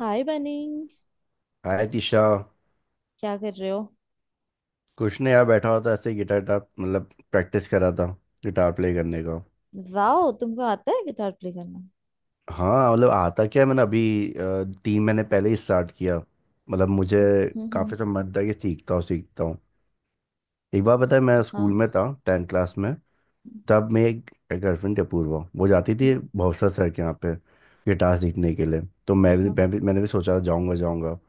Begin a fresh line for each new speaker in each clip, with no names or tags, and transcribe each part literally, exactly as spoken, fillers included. हाय Bunny.
Hi Disha.
क्या कर रहे हो?
कुछ नहीं यार, बैठा होता ऐसे गिटार टाप मतलब प्रैक्टिस कर रहा था गिटार प्ले करने का।
वाओ, तुमको आता है गिटार प्ले करना?
हाँ, मतलब आता क्या है, मैंने अभी अ, तीन महीने पहले ही स्टार्ट किया। मतलब मुझे
हम्म हम्म।
काफ़ी समय था कि सीखता हूँ सीखता हूँ। एक बार पता है मैं स्कूल
हाँ।
में था, टेंथ क्लास में, तब मेरी एक गर्लफ्रेंड थी अपूर्वा, वो जाती थी
हम्म।
भौसा सर के यहाँ पे गिटार सीखने के लिए। तो मैं भी,
हाँ,
मैं भी मैंने भी सोचा जाऊँगा जाऊँगा।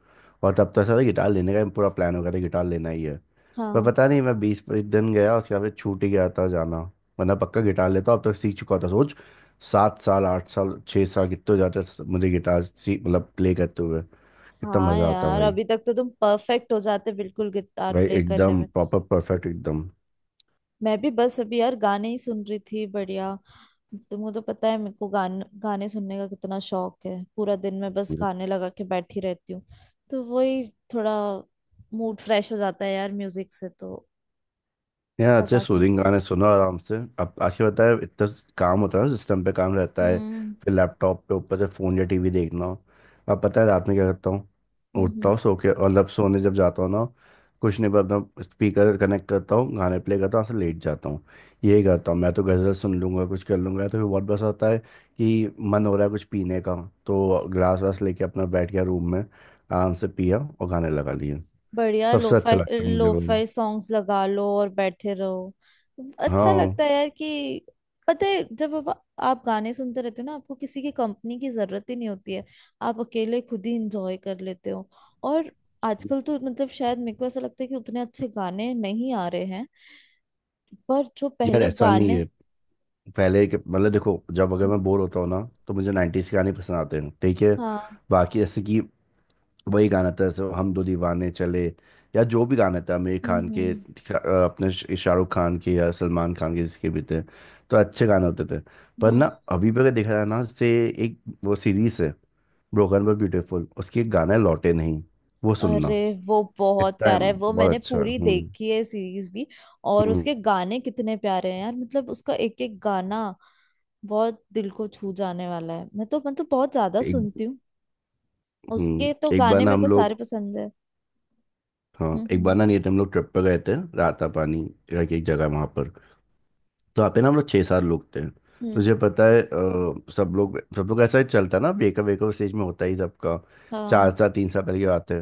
और तब तक सारा गिटार लेने का पूरा प्लान हो गया था, गिटार लेना ही है। पर
हाँ
पता नहीं, मैं बीस पच्चीस दिन गया, उसके बाद फिर छूट ही गया था जाना। वरना पक्का गिटार लेता, अब तक सीख चुका था, सोच सात साल आठ साल छः साल कितने जाते मुझे गिटार सीख मतलब प्ले करते हुए, कितना
हाँ
मज़ा आता
यार,
भाई।
अभी तक तो तुम परफेक्ट हो जाते बिल्कुल गिटार
भाई
प्ले करने
एकदम
में।
प्रॉपर परफेक्ट एकदम।
मैं भी बस अभी यार गाने ही सुन रही थी, बढ़िया। तुमको तो पता है मेरे को गाने गाने सुनने का कितना शौक है, पूरा दिन मैं बस गाने लगा के बैठी रहती हूँ। तो वही, थोड़ा मूड फ्रेश हो जाता है यार म्यूजिक से तो,
यार अच्छे
लगा के।
सूदिंग गाने सुनो आराम से। अब आज के पता है इतना काम होता है ना, सिस्टम पे काम रहता है,
हम्म
फिर लैपटॉप पे, ऊपर से फ़ोन या टीवी देखना हो। अब पता है रात में क्या करता हूँ, उठता
हम्म।
हूँ सो के, और लब सोने जब जाता हूँ ना, कुछ नहीं पर अपना स्पीकर कनेक्ट करता हूँ, गाने प्ले करता हूँ से लेट जाता हूँ। यही करता हूँ मैं तो, गज़ल सुन लूँगा कुछ कर लूँगा, तो फिर बहुत बस होता है कि मन हो रहा है कुछ पीने का। तो ग्लास वास लेके अपना बैठ गया रूम में, आराम से पिया और गाने लगा लिए।
बढ़िया
सबसे अच्छा
लोफाई,
लगता है मुझे वो।
लोफाई सॉन्ग्स लगा लो और बैठे रहो, अच्छा
हाँ
लगता है यार कि, पता है जब आप, आप गाने सुनते रहते हो ना, आपको किसी की कंपनी की जरूरत ही नहीं होती है, आप अकेले खुद ही इंजॉय कर लेते हो। और आजकल तो मतलब शायद मेरे को ऐसा लगता है कि उतने अच्छे गाने नहीं आ रहे हैं, पर जो
यार
पहले
ऐसा नहीं
गाने।
है, पहले के मतलब, देखो जब अगर मैं बोर होता हूँ ना, तो मुझे नाइंटीज़ के गाने पसंद आते हैं, ठीक है।
हाँ।
बाकी जैसे कि वही गाना था, जैसे हम दो दीवाने चले, या जो भी गाना था आमिर
हम्म
खान के
हम्म।
अ, अपने श- शाहरुख खान के या सलमान खान के, जिसके भी थे, तो अच्छे गाने होते थे। पर
हम्म।
ना, अभी भी अगर देखा जाए ना से, एक वो सीरीज है ब्रोकन बट ब्यूटीफुल, उसके एक गाना है लौटे नहीं, वो
अरे,
सुनना
वो बहुत
इतना
प्यारा है, वो
बहुत
मैंने
अच्छा है।
पूरी
हम्म।
देखी है सीरीज भी। और
हम्म
उसके गाने कितने प्यारे हैं यार, मतलब उसका एक एक गाना बहुत दिल को छू जाने वाला है, मैं तो मतलब बहुत ज्यादा
एक
सुनती हूँ,
हम्म।
उसके तो
एक बार
गाने
ना
मेरे
हम
को सारे
लोग,
पसंद है।
हाँ
हम्म
एक बार ना
हम्म।
नहीं थे हम लोग, ट्रिप पे गए थे राता पानी करके एक जगह है वहाँ पर। तो वहाँ पे ना हम लोग छः सात लोग थे।
हम्म।
तुझे पता है अ, सब लोग सब लोग ऐसा ही चलता है ना, वेकअप वेकअप स्टेज में होता ही सबका। चार
हाँ।
साल तीन साल पहले की बात है,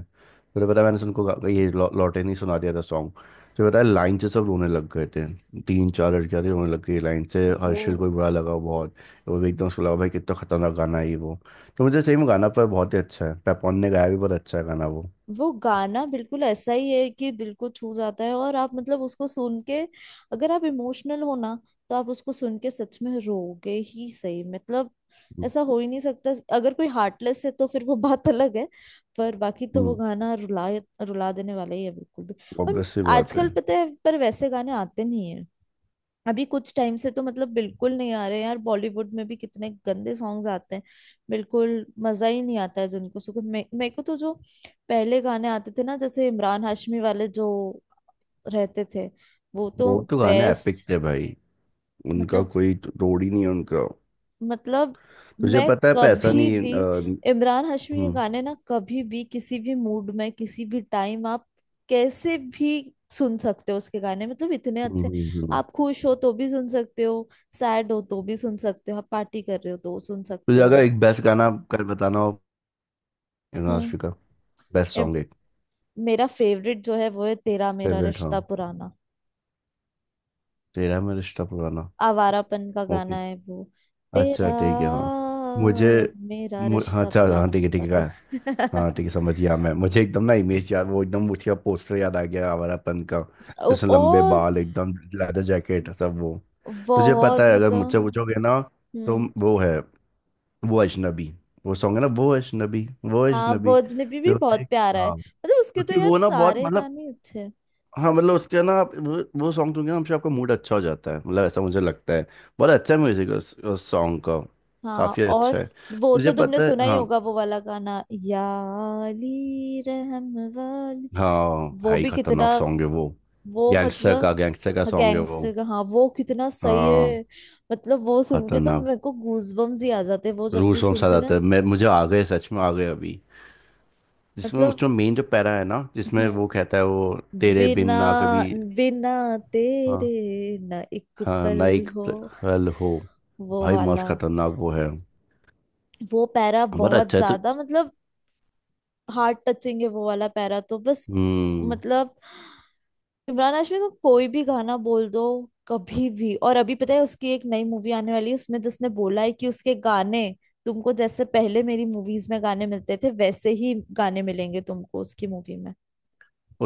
तुझे पता है, मैंने उनको गा- ये लौ, लौटे नहीं सुना दिया था सॉन्ग। तुझे पता है लाइन से सब रोने लग गए थे, तीन चार लड़कियाँ थी रोने लग गई लाइन से,
वो
हर्षिल को भी बुरा लगा बहुत। वो भी एकदम, उसको लगा भाई कितना खतरनाक गाना है ये वो। तो मुझे सही में गाना पर बहुत ही अच्छा है, पैपॉन ने गाया भी बहुत अच्छा है गाना वो।
वो गाना बिल्कुल ऐसा ही है कि दिल को छू जाता है, और आप मतलब उसको सुन के, अगर आप इमोशनल हो ना, तो आप उसको सुन के सच में रोगे ही, सही मतलब, ऐसा हो ही नहीं सकता। अगर कोई हार्टलेस है तो फिर वो बात अलग है, पर बाकी तो वो
हम्म।
गाना रुला रुला देने वाला ही है बिल्कुल भी। और
ऑब्वियस सी बात है।
आजकल पता है पर वैसे गाने आते नहीं, अभी कुछ टाइम से तो मतलब बिल्कुल नहीं आ रहे यार, बॉलीवुड में भी कितने गंदे सॉन्ग्स आते हैं, बिल्कुल मजा ही नहीं आता है जिनको सुन के। मे, मेरे को तो जो पहले गाने आते थे ना, जैसे इमरान हाशमी वाले जो रहते थे वो
वो
तो
तो गाने एपिक
बेस्ट।
थे भाई, उनका
मतलब,
कोई रोड ही नहीं है उनका।
मतलब
तुझे
मैं
पता है पैसा
कभी
नहीं
भी
अ, हम्म।
इमरान हाशमी के
हम्म।
गाने ना, कभी भी किसी भी मूड में, किसी भी टाइम आप कैसे भी सुन सकते हो उसके गाने, मतलब इतने
हम्म,
अच्छे।
हम्म।
आप खुश हो तो भी सुन सकते हो, सैड हो तो भी सुन सकते हो, आप पार्टी कर रहे हो तो सुन सकते
तुझे अगर
हो।
एक बेस्ट गाना कर बताना हो,
हम्म।
इंडस्ट्री का बेस्ट
इम-
सॉन्ग एक।
मेरा फेवरेट जो है वो है तेरा मेरा
फेवरेट हाँ,
रिश्ता पुराना।
तेरा मेरा रिश्ता पुराना।
आवारापन का गाना
ओके।
है वो, तेरा
अच्छा ठीक है हाँ। मुझे,
मेरा
मु, हाँ
रिश्ता
अच्छा हाँ
पुराना
ठीक है
वो
ठीक है,
वाला।
गाया। हाँ ठीक है समझ गया मैं, मुझे एकदम ना इमेज याद, वो एकदम उसका पोस्टर याद आ गया आवारापन का,
उप-
जैसे लंबे
और
बाल एकदम लेदर जैकेट सब वो। तुझे पता
बहुत
है अगर
मतलब।
मुझसे पूछोगे ना, तो
हम्म।
वो है वो अजनबी, वो सॉन्ग है ना वो अजनबी, वो
हाँ वो
अजनबी।
अजनबी भी
जो
बहुत
देख,
प्यारा है,
हाँ
मतलब उसके तो
क्योंकि
यार
वो ना बहुत
सारे
मतलब,
गाने अच्छे हैं।
हाँ मतलब उसका ना, आप वो, वो सॉन्ग सुन के ना, हमसे आपका मूड अच्छा हो जाता है, मतलब ऐसा मुझे लगता है। बहुत अच्छा म्यूजिक उस, उस सॉन्ग का,
हाँ।
काफी
और
अच्छा है।
वो तो
तुझे
तुमने
पता है।
सुना ही
हाँ।
होगा वो वाला गाना याली रहम वाली।
हाँ
वो
भाई
भी
खतरनाक
कितना,
सॉन्ग है वो।
वो
गैंगस्टर का,
मतलब।
गैंगस्टर का सॉन्ग है वो।
गैंगस्टर का हाँ, वो कितना सही
हाँ।
है। मतलब वो सुन के तो
खतरनाक।
मेरे को गूज बम्स ही आ जाते हैं, वो जब
रूल
भी
सॉन्ग साथ
सुनती हूँ
आता
ना।
है मैं, मुझे आ गए सच में आ गए अभी, जिसमें
मतलब।
उसमें मेन जो पैरा है ना, जिसमें
हम्म।
वो कहता है वो तेरे बिन
बिना,
ना कभी।
बिना
हाँ,
तेरे ना एक
हाँ
पल,
ना एक
हो
पल हो।
वो
भाई मस्त
वाला।
खतरनाक वो है,
वो पैरा
बड़ा
बहुत
अच्छा है तो।
ज्यादा मतलब हार्ट टचिंग है, वो वाला पैरा तो बस
हम्म।
मतलब। इमरान हाशमी को कोई भी गाना बोल दो कभी भी। और अभी पता है उसकी एक नई मूवी आने वाली है उसमें, जिसने बोला है कि उसके गाने तुमको जैसे पहले मेरी मूवीज में गाने मिलते थे वैसे ही गाने मिलेंगे तुमको उसकी मूवी में।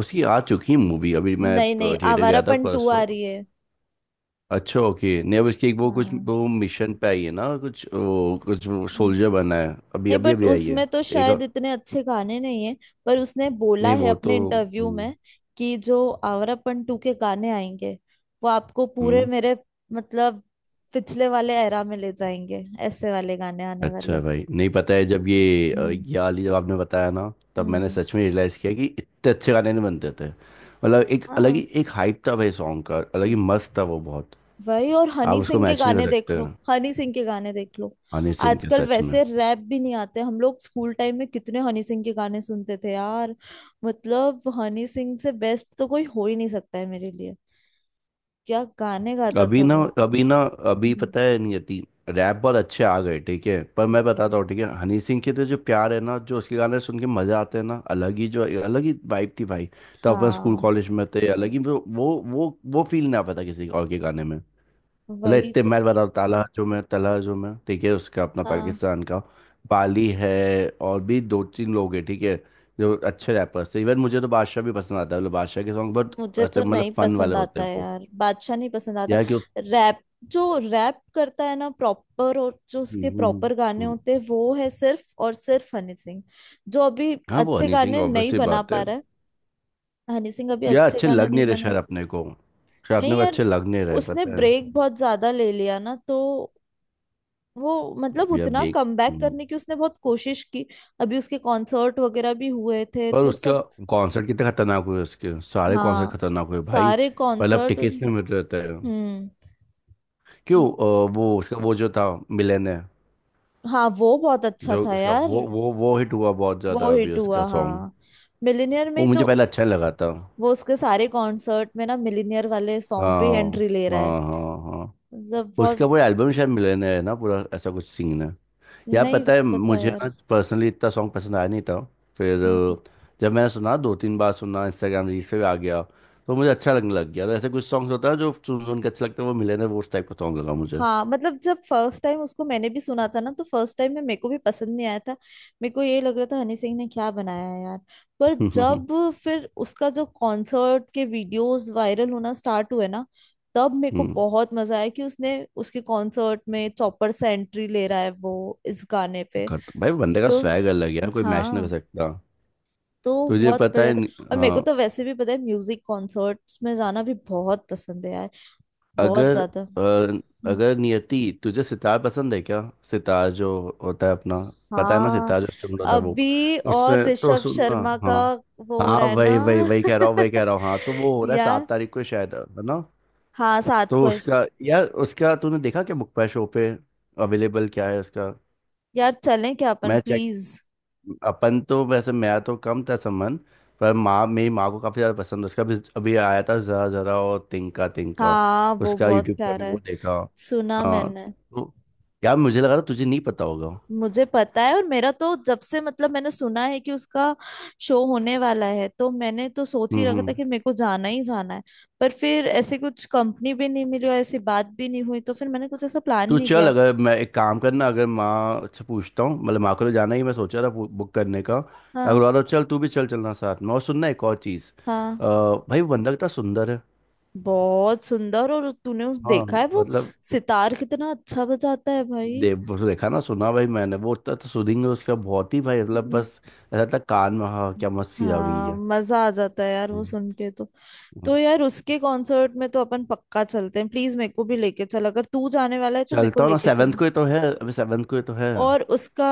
उसकी आ चुकी मूवी, अभी मैं
नहीं नहीं,
थिएटर गया था
आवारापन टू आ
परसों।
रही है।
अच्छा ओके, नहीं अब इसकी एक वो कुछ
हाँ।
वो मिशन पे आई है ना, कुछ वो कुछ सोल्जर बना है, अभी
नहीं
अभी
बट
अभी आई है
उसमें तो
एक।
शायद इतने अच्छे गाने नहीं है, पर उसने बोला
नहीं
है
वो तो।
अपने इंटरव्यू
हम्म।
में कि जो आवारा पंटू के गाने आएंगे वो आपको पूरे
हम्म,
मेरे मतलब पिछले वाले एरा में ले जाएंगे, ऐसे वाले गाने आने वाले।
अच्छा भाई, नहीं पता है जब ये अ,
हम्म।
ये वाली जब आपने बताया ना, तब मैंने
हम्म।
सच में रियलाइज किया कि इतने अच्छे गाने नहीं बनते थे, मतलब एक अलग ही
हाँ
एक हाइप था भाई सॉन्ग का, अलग ही मस्त था वो बहुत।
वही। और
आप
हनी
उसको
सिंह के
मैच नहीं कर
गाने देख
सकते
लो, हनी सिंह के गाने देख लो,
हनी सिंह के,
आजकल
सच में।
वैसे रैप भी नहीं आते। हम लोग स्कूल टाइम में कितने हनी सिंह के गाने सुनते थे यार, मतलब हनी सिंह से बेस्ट तो कोई हो ही नहीं सकता है मेरे लिए। क्या गाने गाता
अभी
था
ना,
वो।
अभी ना, अभी
हम्म,
पता है नियति रैप बहुत अच्छे आ गए ठीक है, पर मैं
हम्म।
बताता हूँ, ठीक है हनी सिंह के तो जो प्यार है ना, जो उसके गाने सुन के मजा आते हैं ना, अलग ही, जो अलग ही वाइब थी भाई। तो अपन स्कूल
हाँ
कॉलेज में थे अलग ही वो, वो वो वो फील नहीं आ पाता किसी और के गाने में। मतलब
वही
इतने
तो।
मैं बताता हूँ, ताला जो मैं, तला जो मैं, ठीक है उसका अपना
हाँ।
पाकिस्तान का बाली है, और भी दो तीन लोग हैं ठीक है, जो अच्छे रैपर्स थे। इवन मुझे तो बादशाह भी पसंद आता है, मतलब बादशाह के सॉन्ग बहुत
मुझे
अच्छे,
तो नहीं
मतलब फन
पसंद
वाले होते
आता
हैं
है
वो।
यार बादशाह, नहीं पसंद आता।
यार कि,
रैप जो रैप करता है ना प्रॉपर, और जो
हम्म।
उसके
हम्म, हम्म।
प्रॉपर गाने
हम्म।
होते हैं वो है सिर्फ और सिर्फ हनी सिंह, जो अभी
हाँ वो
अच्छे
हनी सिंह
गाने नहीं
ऑब्वियसली
बना
बात
पा
है।
रहा है। हनी सिंह अभी
यार
अच्छे
अच्छे
गाने
लग नहीं
नहीं
रहे
बना।
शायद अपने को, शायद अपने
नहीं
को
यार,
अच्छे लग नहीं रहे,
उसने
पता है।
ब्रेक बहुत ज्यादा ले लिया ना, तो वो मतलब
अब यार
उतना
बेक।
कमबैक
हम्म।
करने की उसने बहुत कोशिश की। अभी उसके कॉन्सर्ट वगैरह भी हुए थे
पर
तो
उसका
सब।
कॉन्सर्ट कितने खतरनाक हुए, उसके सारे कॉन्सर्ट
हाँ
खतरनाक हुए भाई।
सारे
पहले अब
कॉन्सर्ट।
टिकट्स नहीं मिल रहे थे।
हम्म।
क्यों अ, वो उसका वो जो था मिलन है।
हाँ वो बहुत अच्छा
जो
था
उसका
यार,
वो वो वो हिट हुआ बहुत
वो
ज़्यादा अभी
हिट हुआ
उसका सॉन्ग।
हाँ, मिलिनियर में
वो
ही
मुझे
तो।
पहले अच्छा नहीं लगा था।
वो उसके सारे कॉन्सर्ट में ना मिलिनियर वाले सॉन्ग पे
हाँ
एंट्री ले रहा है,
हाँ हाँ। हाँ
मतलब बहुत।
उसका पूरा एल्बम शायद मिलन है ना, पूरा ऐसा कुछ सीन है। यार
नहीं
पता है
पता
मुझे
यार।
ना, पर्सनली इतना सॉन्ग पसंद आया नहीं था। फिर
हम्म।
अ, जब मैंने सुना, दो तीन बार सुना, इंस्टाग्राम रील से भी आ गया, तो मुझे अच्छा लगने लग गया। तो ऐसे कुछ सॉन्ग्स होता है जो सुन सुन के अच्छा लगता है, वो मिले ना वो उस टाइप का सॉन्ग लगा मुझे
हाँ मतलब जब फर्स्ट टाइम उसको मैंने भी सुना था ना, तो फर्स्ट टाइम में मेरे को भी पसंद नहीं आया था, मेरे को ये लग रहा था हनी सिंह ने क्या बनाया है यार। पर जब फिर उसका जो कॉन्सर्ट के वीडियोस वायरल होना स्टार्ट हुए ना, तब मेरे को
हम्म।
बहुत मजा आया कि उसने उसके कॉन्सर्ट में चौपर से एंट्री ले रहा है वो इस गाने पे।
खत- भाई बंदे का
तो
स्वैग अलग है यार, कोई मैच ना कर
हाँ,
सकता।
तो
तुझे
बहुत
पता
बढ़िया
है।
था। और मेरे को
हाँ।
तो वैसे भी पता है म्यूजिक कॉन्सर्ट्स में जाना भी बहुत पसंद है यार, बहुत
अगर
ज्यादा।
अ, अगर नियति तुझे सितार पसंद है क्या, सितार जो होता है अपना, पता है ना
हाँ,
सितार जो इंस्ट्रूमेंट होता है वो,
अभी और
उसमें तो
ऋषभ
सुनना।
शर्मा का
हाँ।
वो हो
हाँ
रहा है
वही वही
ना।
वही कह रहा हूँ, वही कह रहा हूँ, हाँ तो वो हो रहा है
यार
सात तारीख को, शायद है ना।
हाँ, सात
तो
को।
उसका यार, उसका तूने देखा क्या बुक पे शो पे, अवेलेबल क्या है उसका।
यार चलें क्या अपन,
मैं चेक,
प्लीज?
अपन तो वैसे मेरा तो कम था संबंध, पर माँ, मेरी माँ को काफ़ी ज़्यादा पसंद है उसका भी, अभी आया था ज़रा ज़रा और तिनका तिनका,
हाँ वो
उसका
बहुत
यूट्यूब पे भी
प्यारा
वो
है,
देखा।
सुना
हाँ
मैंने।
तो यार मुझे लगा था तुझे नहीं पता होगा।
मुझे पता है, और मेरा तो जब से मतलब मैंने सुना है कि उसका शो होने वाला है तो मैंने तो सोच ही
हम्म।
रखा था
हम्म।
कि मेरे को जाना ही जाना है, पर फिर ऐसे कुछ कंपनी भी नहीं मिली और ऐसी बात भी नहीं हुई तो फिर मैंने कुछ ऐसा प्लान
तू
नहीं
चल,
किया।
अगर मैं एक काम करना, अगर माँ से पूछता हूँ, मतलब माँ को तो जाना ही, मैं सोचा था बु- बुक करने का, अगर
हाँ।
वाला चल तू भी चल, चलना साथ में। और सुनना एक और चीज़, अ,
हाँ,
भाई वो बंदा कितना सुंदर है।
बहुत सुंदर। और तूने उस
हाँ
देखा है वो,
मतलब
सितार कितना अच्छा बजाता है भाई।
देव वो तो देखा ना, सुना भाई मैंने वो, इतना तो सुनेंगे उसका, बहुत ही भाई मतलब
हम्म,
बस ऐसा था कान में, हाँ क्या मस्त चीज आ गई
हाँ
है।
मजा आ जाता है यार वो
हम्म।
सुन के तो। तो यार उसके कॉन्सर्ट में तो अपन पक्का चलते हैं, प्लीज मेरे को भी लेके चल, अगर तू जाने वाला है तो मेरे को
चलता हूँ ना,
लेके
सेवन्थ
चलना।
को ही तो है, अभी सेवन्थ को ही तो है।
और उसका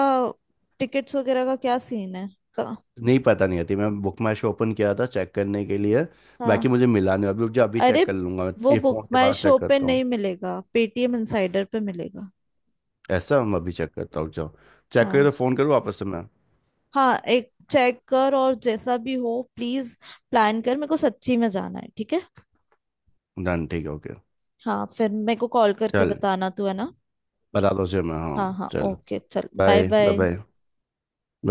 टिकट्स वगैरह का क्या सीन है, का।
नहीं पता, नहीं आती, मैं बुक माई शो ओपन किया था चेक करने के लिए,
हाँ।
बाकी मुझे मिला नहीं, अभी रुक जाओ, अभी
अरे
चेक कर लूंगा मैं
वो
ये
बुक
फोन के
माई
बाद,
शो
चेक
पे
करता हूँ।
नहीं मिलेगा, पेटीएम इनसाइडर पे मिलेगा।
ऐसा मैं अभी चेक करता हूँ रुक जाओ, चेक करे
हाँ।
तो फोन करूँ वापस से मैं।
हाँ एक चेक कर, और जैसा भी हो प्लीज प्लान कर, मेरे को सच्ची में जाना है, ठीक है।
डन ठीक है ओके
हाँ फिर मेरे को कॉल करके
चल।
बताना तू, है ना।
बता दो उसे मैं,
हाँ
हाँ
हाँ
चल।
ओके चल, bye
bye bye
bye.
Bye.